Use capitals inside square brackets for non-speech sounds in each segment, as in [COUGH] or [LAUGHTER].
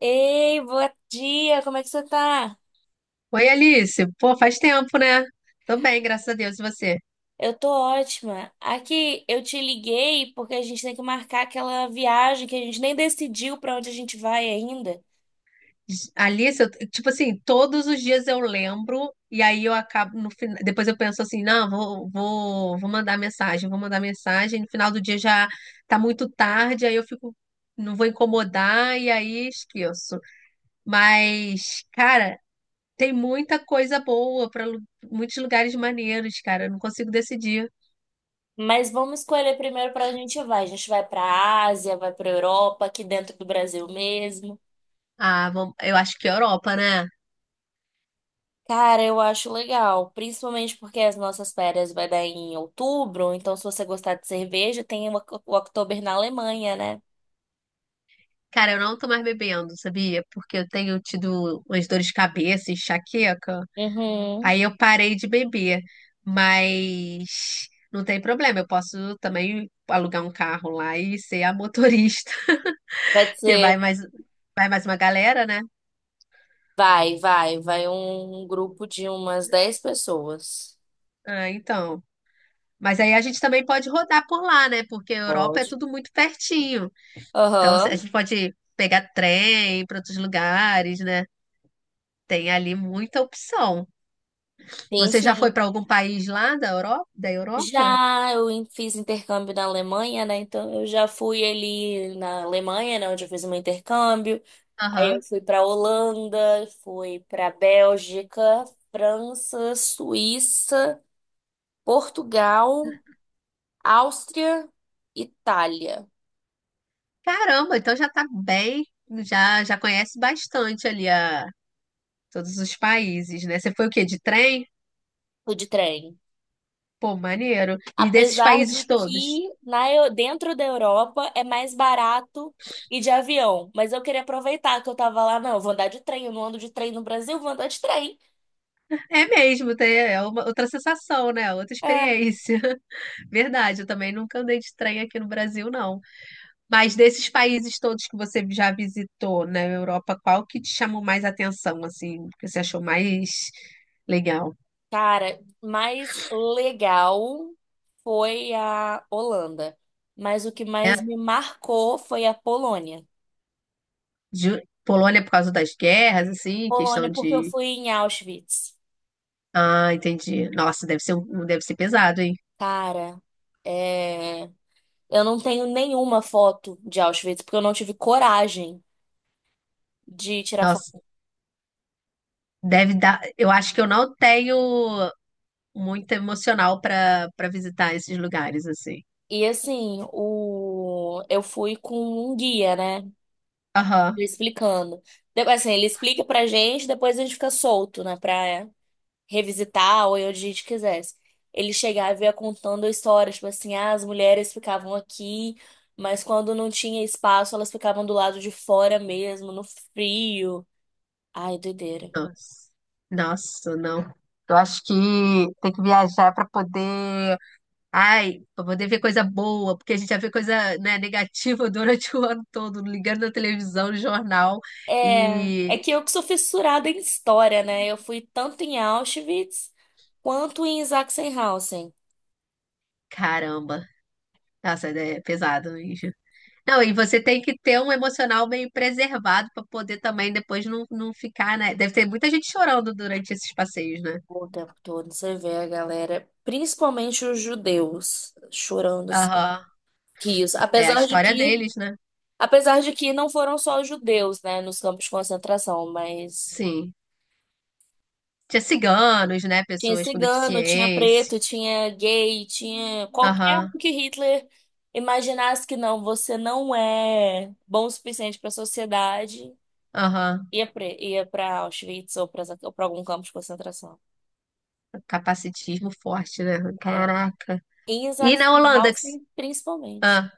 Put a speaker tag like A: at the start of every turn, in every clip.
A: Ei, bom dia, como é que você tá?
B: Oi, Alice. Pô, faz tempo, né? Tô bem, graças a Deus. E você?
A: Eu tô ótima. Aqui, eu te liguei porque a gente tem que marcar aquela viagem que a gente nem decidiu pra onde a gente vai ainda.
B: Alice, tipo assim, todos os dias eu lembro e aí eu acabo no final, depois eu penso assim, não, vou mandar mensagem, vou mandar mensagem. No final do dia já tá muito tarde, aí eu fico, não vou incomodar e aí esqueço. Mas, cara, tem muita coisa boa para muitos lugares maneiros, cara. Eu não consigo decidir.
A: Mas vamos escolher primeiro pra onde a gente vai. A gente vai pra Ásia, vai pra Europa, aqui dentro do Brasil mesmo.
B: Ah, vamos, eu acho que é Europa, né?
A: Cara, eu acho legal, principalmente porque as nossas férias vai dar em outubro, então se você gostar de cerveja, tem o Oktober na Alemanha, né?
B: Cara, eu não tô mais bebendo, sabia? Porque eu tenho tido umas dores de cabeça, enxaqueca.
A: Uhum.
B: Aí eu parei de beber. Mas não tem problema, eu posso também alugar um carro lá e ser a motorista,
A: Vai
B: [LAUGHS] que
A: ser
B: vai mais uma galera, né?
A: vai um grupo de umas 10 pessoas.
B: Ah, então. Mas aí a gente também pode rodar por lá, né? Porque a Europa é
A: Pode.
B: tudo muito pertinho. Então a
A: Aham.
B: gente pode pegar trem para outros lugares, né? Tem ali muita opção.
A: Sim,
B: Você já
A: sim.
B: foi para algum país lá da Europa? Da Europa?
A: Já eu fiz intercâmbio na Alemanha, né? Então eu já fui ali na Alemanha, né, onde eu fiz o meu intercâmbio. Aí eu
B: Aham.
A: fui para Holanda, fui para Bélgica, França, Suíça, Portugal, Áustria, Itália.
B: Caramba, então já tá bem, já conhece bastante ali a todos os países, né? Você foi o quê? De trem?
A: Fui de trem.
B: Pô, maneiro. E desses
A: Apesar de
B: países todos?
A: que dentro da Europa é mais barato ir de avião. Mas eu queria aproveitar que eu tava lá, não, eu vou andar de trem, eu não ando de trem no Brasil, eu vou andar de trem.
B: É mesmo, é uma outra sensação, né? Outra
A: É,
B: experiência. [LAUGHS] Verdade, eu também nunca andei de trem aqui no Brasil, não. Mas desses países todos que você já visitou na Europa, qual que te chamou mais atenção, assim, que você achou mais legal?
A: cara, mais legal foi a Holanda. Mas o que mais me marcou foi a Polônia.
B: Ju- Polônia por causa das guerras, assim, questão
A: Polônia, porque eu
B: de.
A: fui em Auschwitz.
B: Ah, entendi. Nossa, deve ser, deve ser pesado, hein?
A: Cara, é, eu não tenho nenhuma foto de Auschwitz, porque eu não tive coragem de tirar foto.
B: Nossa, deve dar. Eu acho que eu não tenho muito emocional para visitar esses lugares, assim.
A: E assim, eu fui com um guia, né?
B: Aham.
A: Me explicando. Assim, ele explica pra gente, depois a gente fica solto, né? Pra revisitar ou ir onde a gente quisesse. Ele chegava e ia contando histórias, tipo assim, ah, as mulheres ficavam aqui, mas quando não tinha espaço, elas ficavam do lado de fora mesmo, no frio. Ai, doideira.
B: Nossa. Nossa, não. Eu acho que tem que viajar para poder. Ai, para poder ver coisa boa, porque a gente já vê coisa, né, negativa [LAUGHS] durante o ano todo, ligando na televisão, no jornal.
A: É, é
B: E.
A: que eu que sou fissurada em história, né? Eu fui tanto em Auschwitz quanto em Sachsenhausen.
B: Caramba. Nossa, é pesado mesmo. Não, e você tem que ter um emocional meio preservado para poder também depois não ficar, né? Deve ter muita gente chorando durante esses passeios, né?
A: O tempo todo você vê a galera, principalmente os judeus, chorando assim,
B: Aham.
A: isso.
B: É a
A: Apesar de
B: história
A: que,
B: deles, né?
A: apesar de que não foram só os judeus, né, nos campos de concentração, mas
B: Sim. Tinha ciganos, né?
A: tinha
B: Pessoas com
A: cigano, tinha
B: deficiência.
A: preto, tinha gay, tinha qualquer
B: Aham,
A: um que Hitler imaginasse que não, você não é bom o suficiente para a sociedade,
B: aham.
A: ia para Auschwitz ou para algum campo de concentração.
B: Capacitismo forte, né?
A: É.
B: Caraca.
A: Em
B: E na Holanda
A: Sachsenhausen, principalmente.
B: ah.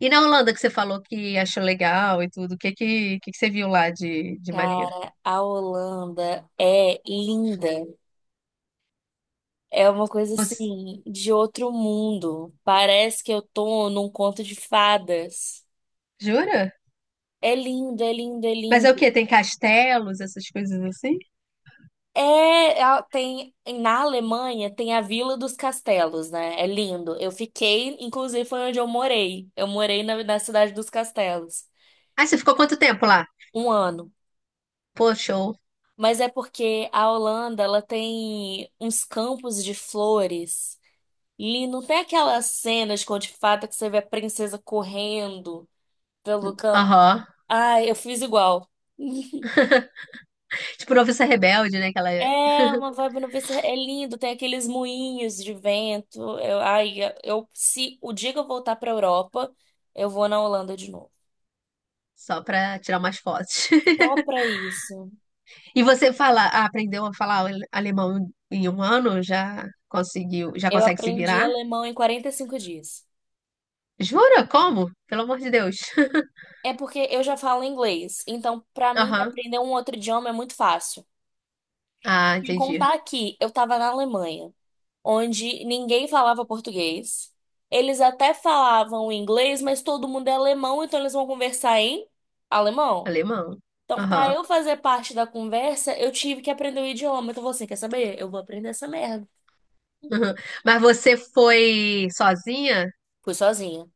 B: E na Holanda que você falou que achou legal e tudo, o que que você viu lá de maneiro?
A: Cara, a Holanda é linda. É uma coisa
B: Você...
A: assim de outro mundo. Parece que eu tô num conto de fadas.
B: Jura?
A: É lindo, é lindo, é
B: Mas é o
A: lindo.
B: quê? Tem castelos, essas coisas assim?
A: É, a- tem na Alemanha tem a Vila dos Castelos, né? É lindo. Eu fiquei, inclusive foi onde eu morei. Eu morei na cidade dos Castelos
B: Ah, você ficou quanto tempo lá?
A: um ano.
B: Pô, show.
A: Mas é porque a Holanda, ela tem uns campos de flores. Não tem aquelas cenas com de fato que você vê a princesa correndo pelo campo.
B: Aham.
A: Ai, eu fiz igual. [LAUGHS]
B: Tipo, noviça rebelde, né? Que ela é
A: É uma vibe no PC, é lindo, tem aqueles moinhos de vento. Eu, ai, eu se o dia que eu voltar pra Europa, eu vou na Holanda de novo.
B: só pra tirar umas fotos. [LAUGHS]
A: Só pra isso.
B: E você fala, ah, aprendeu a falar alemão em um ano? Já conseguiu, já
A: Eu
B: consegue se
A: aprendi
B: virar?
A: alemão em 45 dias.
B: Jura? Como? Pelo amor de Deus. [LAUGHS]
A: É porque eu já falo inglês, então pra mim
B: Aham.
A: aprender um outro idioma é muito fácil.
B: Ah,
A: Sem
B: entendi.
A: contar que eu tava na Alemanha, onde ninguém falava português. Eles até falavam inglês, mas todo mundo é alemão, então eles vão conversar em alemão.
B: Alemão.
A: Então, para
B: Aham.
A: eu fazer parte da conversa, eu tive que aprender o idioma. Então, você quer saber? Eu vou aprender essa merda.
B: Aham. Mas você foi sozinha?
A: Fui sozinha.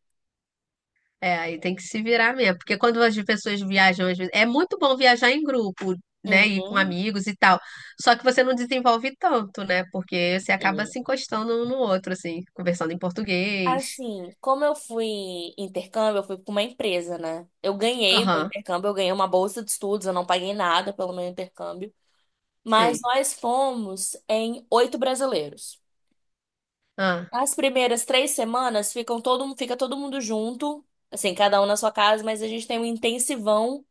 B: É, aí tem que se virar mesmo, porque quando as pessoas viajam, às vezes, é muito bom viajar em grupo, né, e com
A: Uhum.
B: amigos e tal. Só que você não desenvolve tanto, né? Porque você acaba
A: E,
B: se encostando um no outro, assim, conversando em português.
A: assim, como eu fui em intercâmbio, eu fui com uma empresa, né? Eu ganhei meu
B: Aham,
A: intercâmbio, eu ganhei uma bolsa de estudos, eu não paguei nada pelo meu intercâmbio. Mas
B: sei.
A: nós fomos em oito brasileiros.
B: Ah,
A: As primeiras 3 semanas fica todo mundo junto, assim, cada um na sua casa, mas a gente tem um intensivão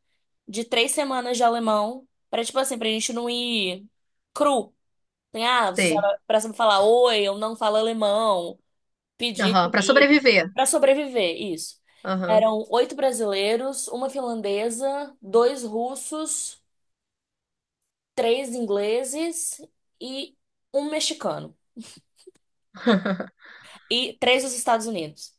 A: de 3 semanas de alemão pra tipo assim, pra gente não ir cru. Tem, ah, você
B: sei.
A: sabe, pra sempre falar oi, eu não falo alemão, pedir
B: Aham, pra
A: comida,
B: sobreviver.
A: pra sobreviver, isso.
B: Aham.
A: Eram oito brasileiros, uma finlandesa, dois russos, três ingleses e um mexicano.
B: [LAUGHS]
A: E três dos Estados Unidos.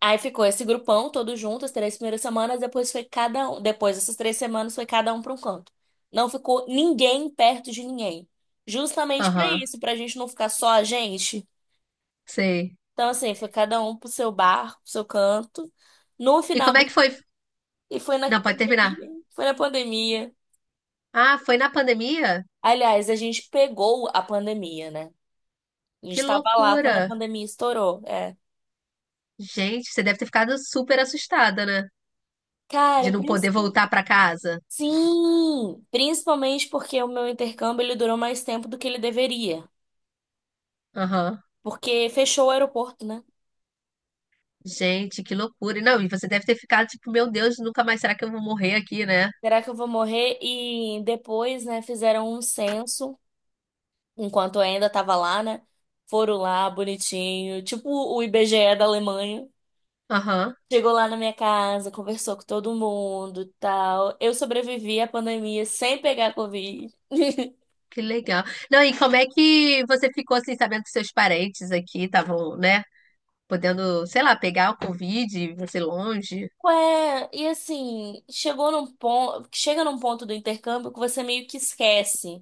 A: Aí ficou esse grupão todo junto, as 3 primeiras semanas, depois foi cada um. Depois dessas 3 semanas foi cada um para um canto. Não ficou ninguém perto de ninguém. Justamente para
B: Aham,
A: isso, para a gente não ficar só a gente.
B: sei.
A: Então, assim, foi cada um pro seu bar, pro seu canto. No
B: E
A: final,
B: como é que foi?
A: e foi na
B: Não, pode
A: pandemia.
B: terminar.
A: Foi na pandemia.
B: Ah, foi na pandemia?
A: Aliás, a gente pegou a pandemia, né? A
B: Que
A: gente tava lá
B: loucura.
A: quando a pandemia estourou. É.
B: Gente, você deve ter ficado super assustada, né?
A: Cara,
B: De não poder voltar pra casa.
A: sim, principalmente porque o meu intercâmbio ele durou mais tempo do que ele deveria,
B: Aham.
A: porque fechou o aeroporto, né?
B: Gente, que loucura. E não, e você deve ter ficado tipo, meu Deus, nunca mais será que eu vou morrer aqui, né?
A: Será que eu vou morrer? E depois, né, fizeram um censo, enquanto eu ainda tava lá, né? Foram lá, bonitinho, tipo o IBGE da Alemanha.
B: Aham,
A: Chegou lá na minha casa, conversou com todo mundo, tal. Eu sobrevivi à pandemia sem pegar Covid. [LAUGHS]
B: que legal. Não, e como é que você ficou assim, sabendo que seus parentes aqui estavam, né? Podendo, sei lá, pegar o Covid, e você longe?
A: Ué, e assim, chegou num ponto, chega num ponto do intercâmbio que você meio que esquece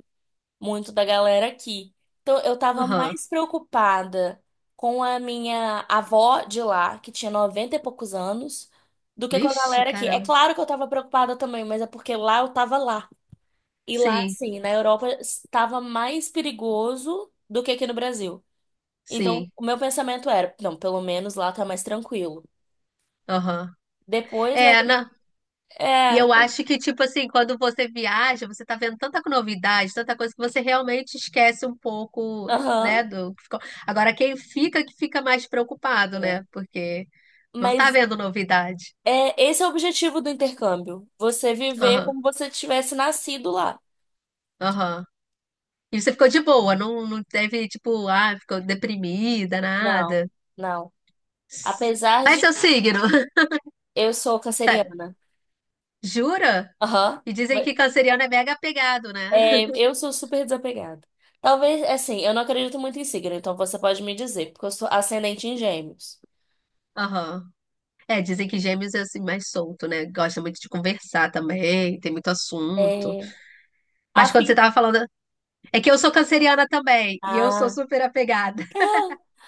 A: muito da galera aqui. Então, eu tava
B: Aham.
A: mais preocupada com a minha avó de lá, que tinha 90 e poucos anos, do que com a
B: Vixe,
A: galera aqui. É
B: caramba.
A: claro que eu tava preocupada também, mas é porque lá eu tava lá. E lá,
B: Sim,
A: assim, na Europa, estava mais perigoso do que aqui no Brasil. Então,
B: sim.
A: o meu pensamento era, não, pelo menos lá tá mais tranquilo.
B: Aham.
A: Depois, né?
B: É, não. E
A: É,
B: eu acho que, tipo assim, quando você viaja, você tá vendo tanta novidade, tanta coisa que você realmente esquece um pouco, né,
A: aham,
B: do que ficou. Agora, quem fica, que fica mais preocupado, né?
A: é.
B: Porque não tá
A: Mas
B: vendo novidade.
A: é, esse é o objetivo do intercâmbio. Você viver
B: Aham,
A: como você tivesse nascido lá.
B: aham. E você ficou de boa, não, não teve, tipo, ah, ficou deprimida, nada.
A: Não, não.
B: S-
A: Apesar
B: Qual é
A: de
B: seu signo? [LAUGHS]
A: eu sou
B: Sa-
A: canceriana.
B: Jura?
A: Aham.
B: E dizem
A: Mas,
B: que canceriano é mega apegado, né?
A: é, eu sou super desapegada. Talvez, assim, eu não acredito muito em signo, então você pode me dizer, porque eu sou ascendente em gêmeos.
B: Aham. É, dizem que gêmeos é assim mais solto, né? Gosta muito de conversar também, tem muito assunto.
A: É,
B: Mas quando você
A: afim.
B: tava falando. É que eu sou canceriana também, e eu sou
A: Ah,
B: super apegada.
A: ah, [LAUGHS]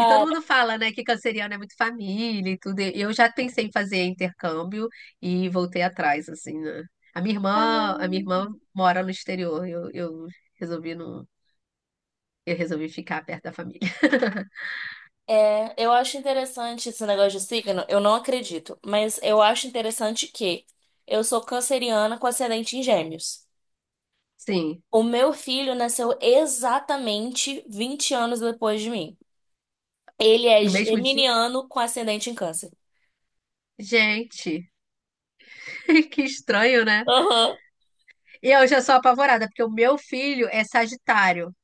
B: E todo mundo fala, né, que canceriano é muito família e tudo. E eu já pensei em fazer intercâmbio e voltei atrás, assim, né? A
A: Ah.
B: minha irmã mora no exterior. Eu resolvi não, eu resolvi ficar perto da família. [LAUGHS]
A: É, eu acho interessante esse negócio de signo, eu não acredito, mas eu acho interessante que eu sou canceriana com ascendente em gêmeos.
B: Sim,
A: O meu filho nasceu exatamente 20 anos depois de mim. Ele é
B: no mesmo dia.
A: geminiano com ascendente em câncer.
B: Gente, [LAUGHS] que estranho, né?
A: Aham.
B: E eu já sou apavorada, porque o meu filho é Sagitário.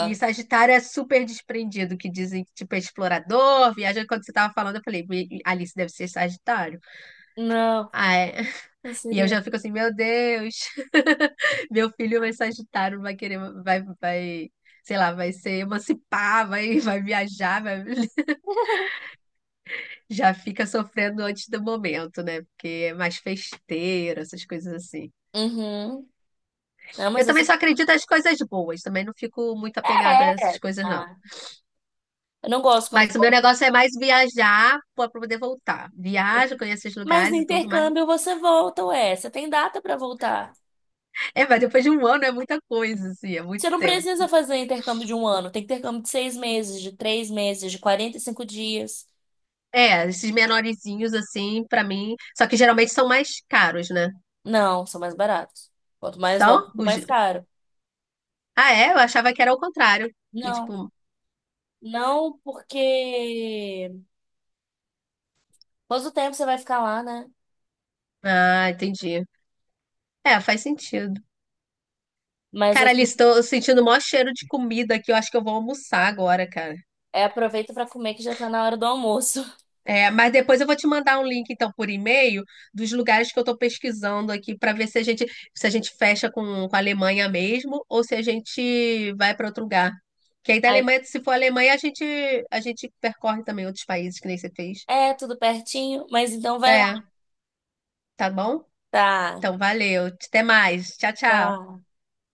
B: E Sagitário é super desprendido, que dizem que tipo é explorador, viaja. Quando você tava falando, eu falei, Alice deve ser Sagitário.
A: Não,
B: Ah, é. E eu
A: canceriano.
B: já fico assim, meu Deus, [LAUGHS] meu filho vai Sagitário, vai querer, sei lá, vai se emancipar, vai, [LAUGHS] vai viajar, vai... [LAUGHS] já fica sofrendo antes do momento, né? Porque é mais festeira, essas coisas assim.
A: Uhum. Não,
B: Eu
A: mas eu
B: também
A: sou.
B: só acredito nas coisas boas, também não fico muito apegada a essas
A: É.
B: coisas, não.
A: Ah, eu não gosto quando
B: Mas o meu
A: falo.
B: negócio é mais viajar para poder voltar. Viajo, conheço os
A: Mas no
B: lugares e tudo, mas
A: intercâmbio você volta, ué. Você tem data pra voltar.
B: é, mas depois de um ano é muita coisa, assim, é
A: Você
B: muito
A: não
B: tempo.
A: precisa fazer intercâmbio de um ano. Tem intercâmbio de 6 meses, de 3 meses, de 45 dias.
B: É, esses menorzinhos assim, pra mim, só que geralmente são mais caros, né?
A: Não, são mais baratos. Quanto mais longo,
B: São os
A: mais caro.
B: ah, é, eu achava que era o contrário, que
A: Não.
B: tipo,
A: Não, porque. Quanto tempo você vai ficar lá, né?
B: ah, entendi. É, faz sentido.
A: Mas
B: Cara, ali
A: assim.
B: estou sentindo o maior cheiro de comida aqui, eu acho que eu vou almoçar agora, cara.
A: É, aproveita pra comer que já tá na hora do almoço.
B: É, mas depois eu vou te mandar um link, então, por e-mail, dos lugares que eu estou pesquisando aqui para ver se a gente, se a gente fecha com a Alemanha mesmo ou se a gente vai para outro lugar. Que aí da
A: Aí,
B: Alemanha, se for a Alemanha, a gente percorre também outros países que nem você fez.
A: é, tudo pertinho, mas então vai lá.
B: É, tá bom?
A: Tá,
B: Então, valeu. Até mais. Tchau, tchau.
A: tá.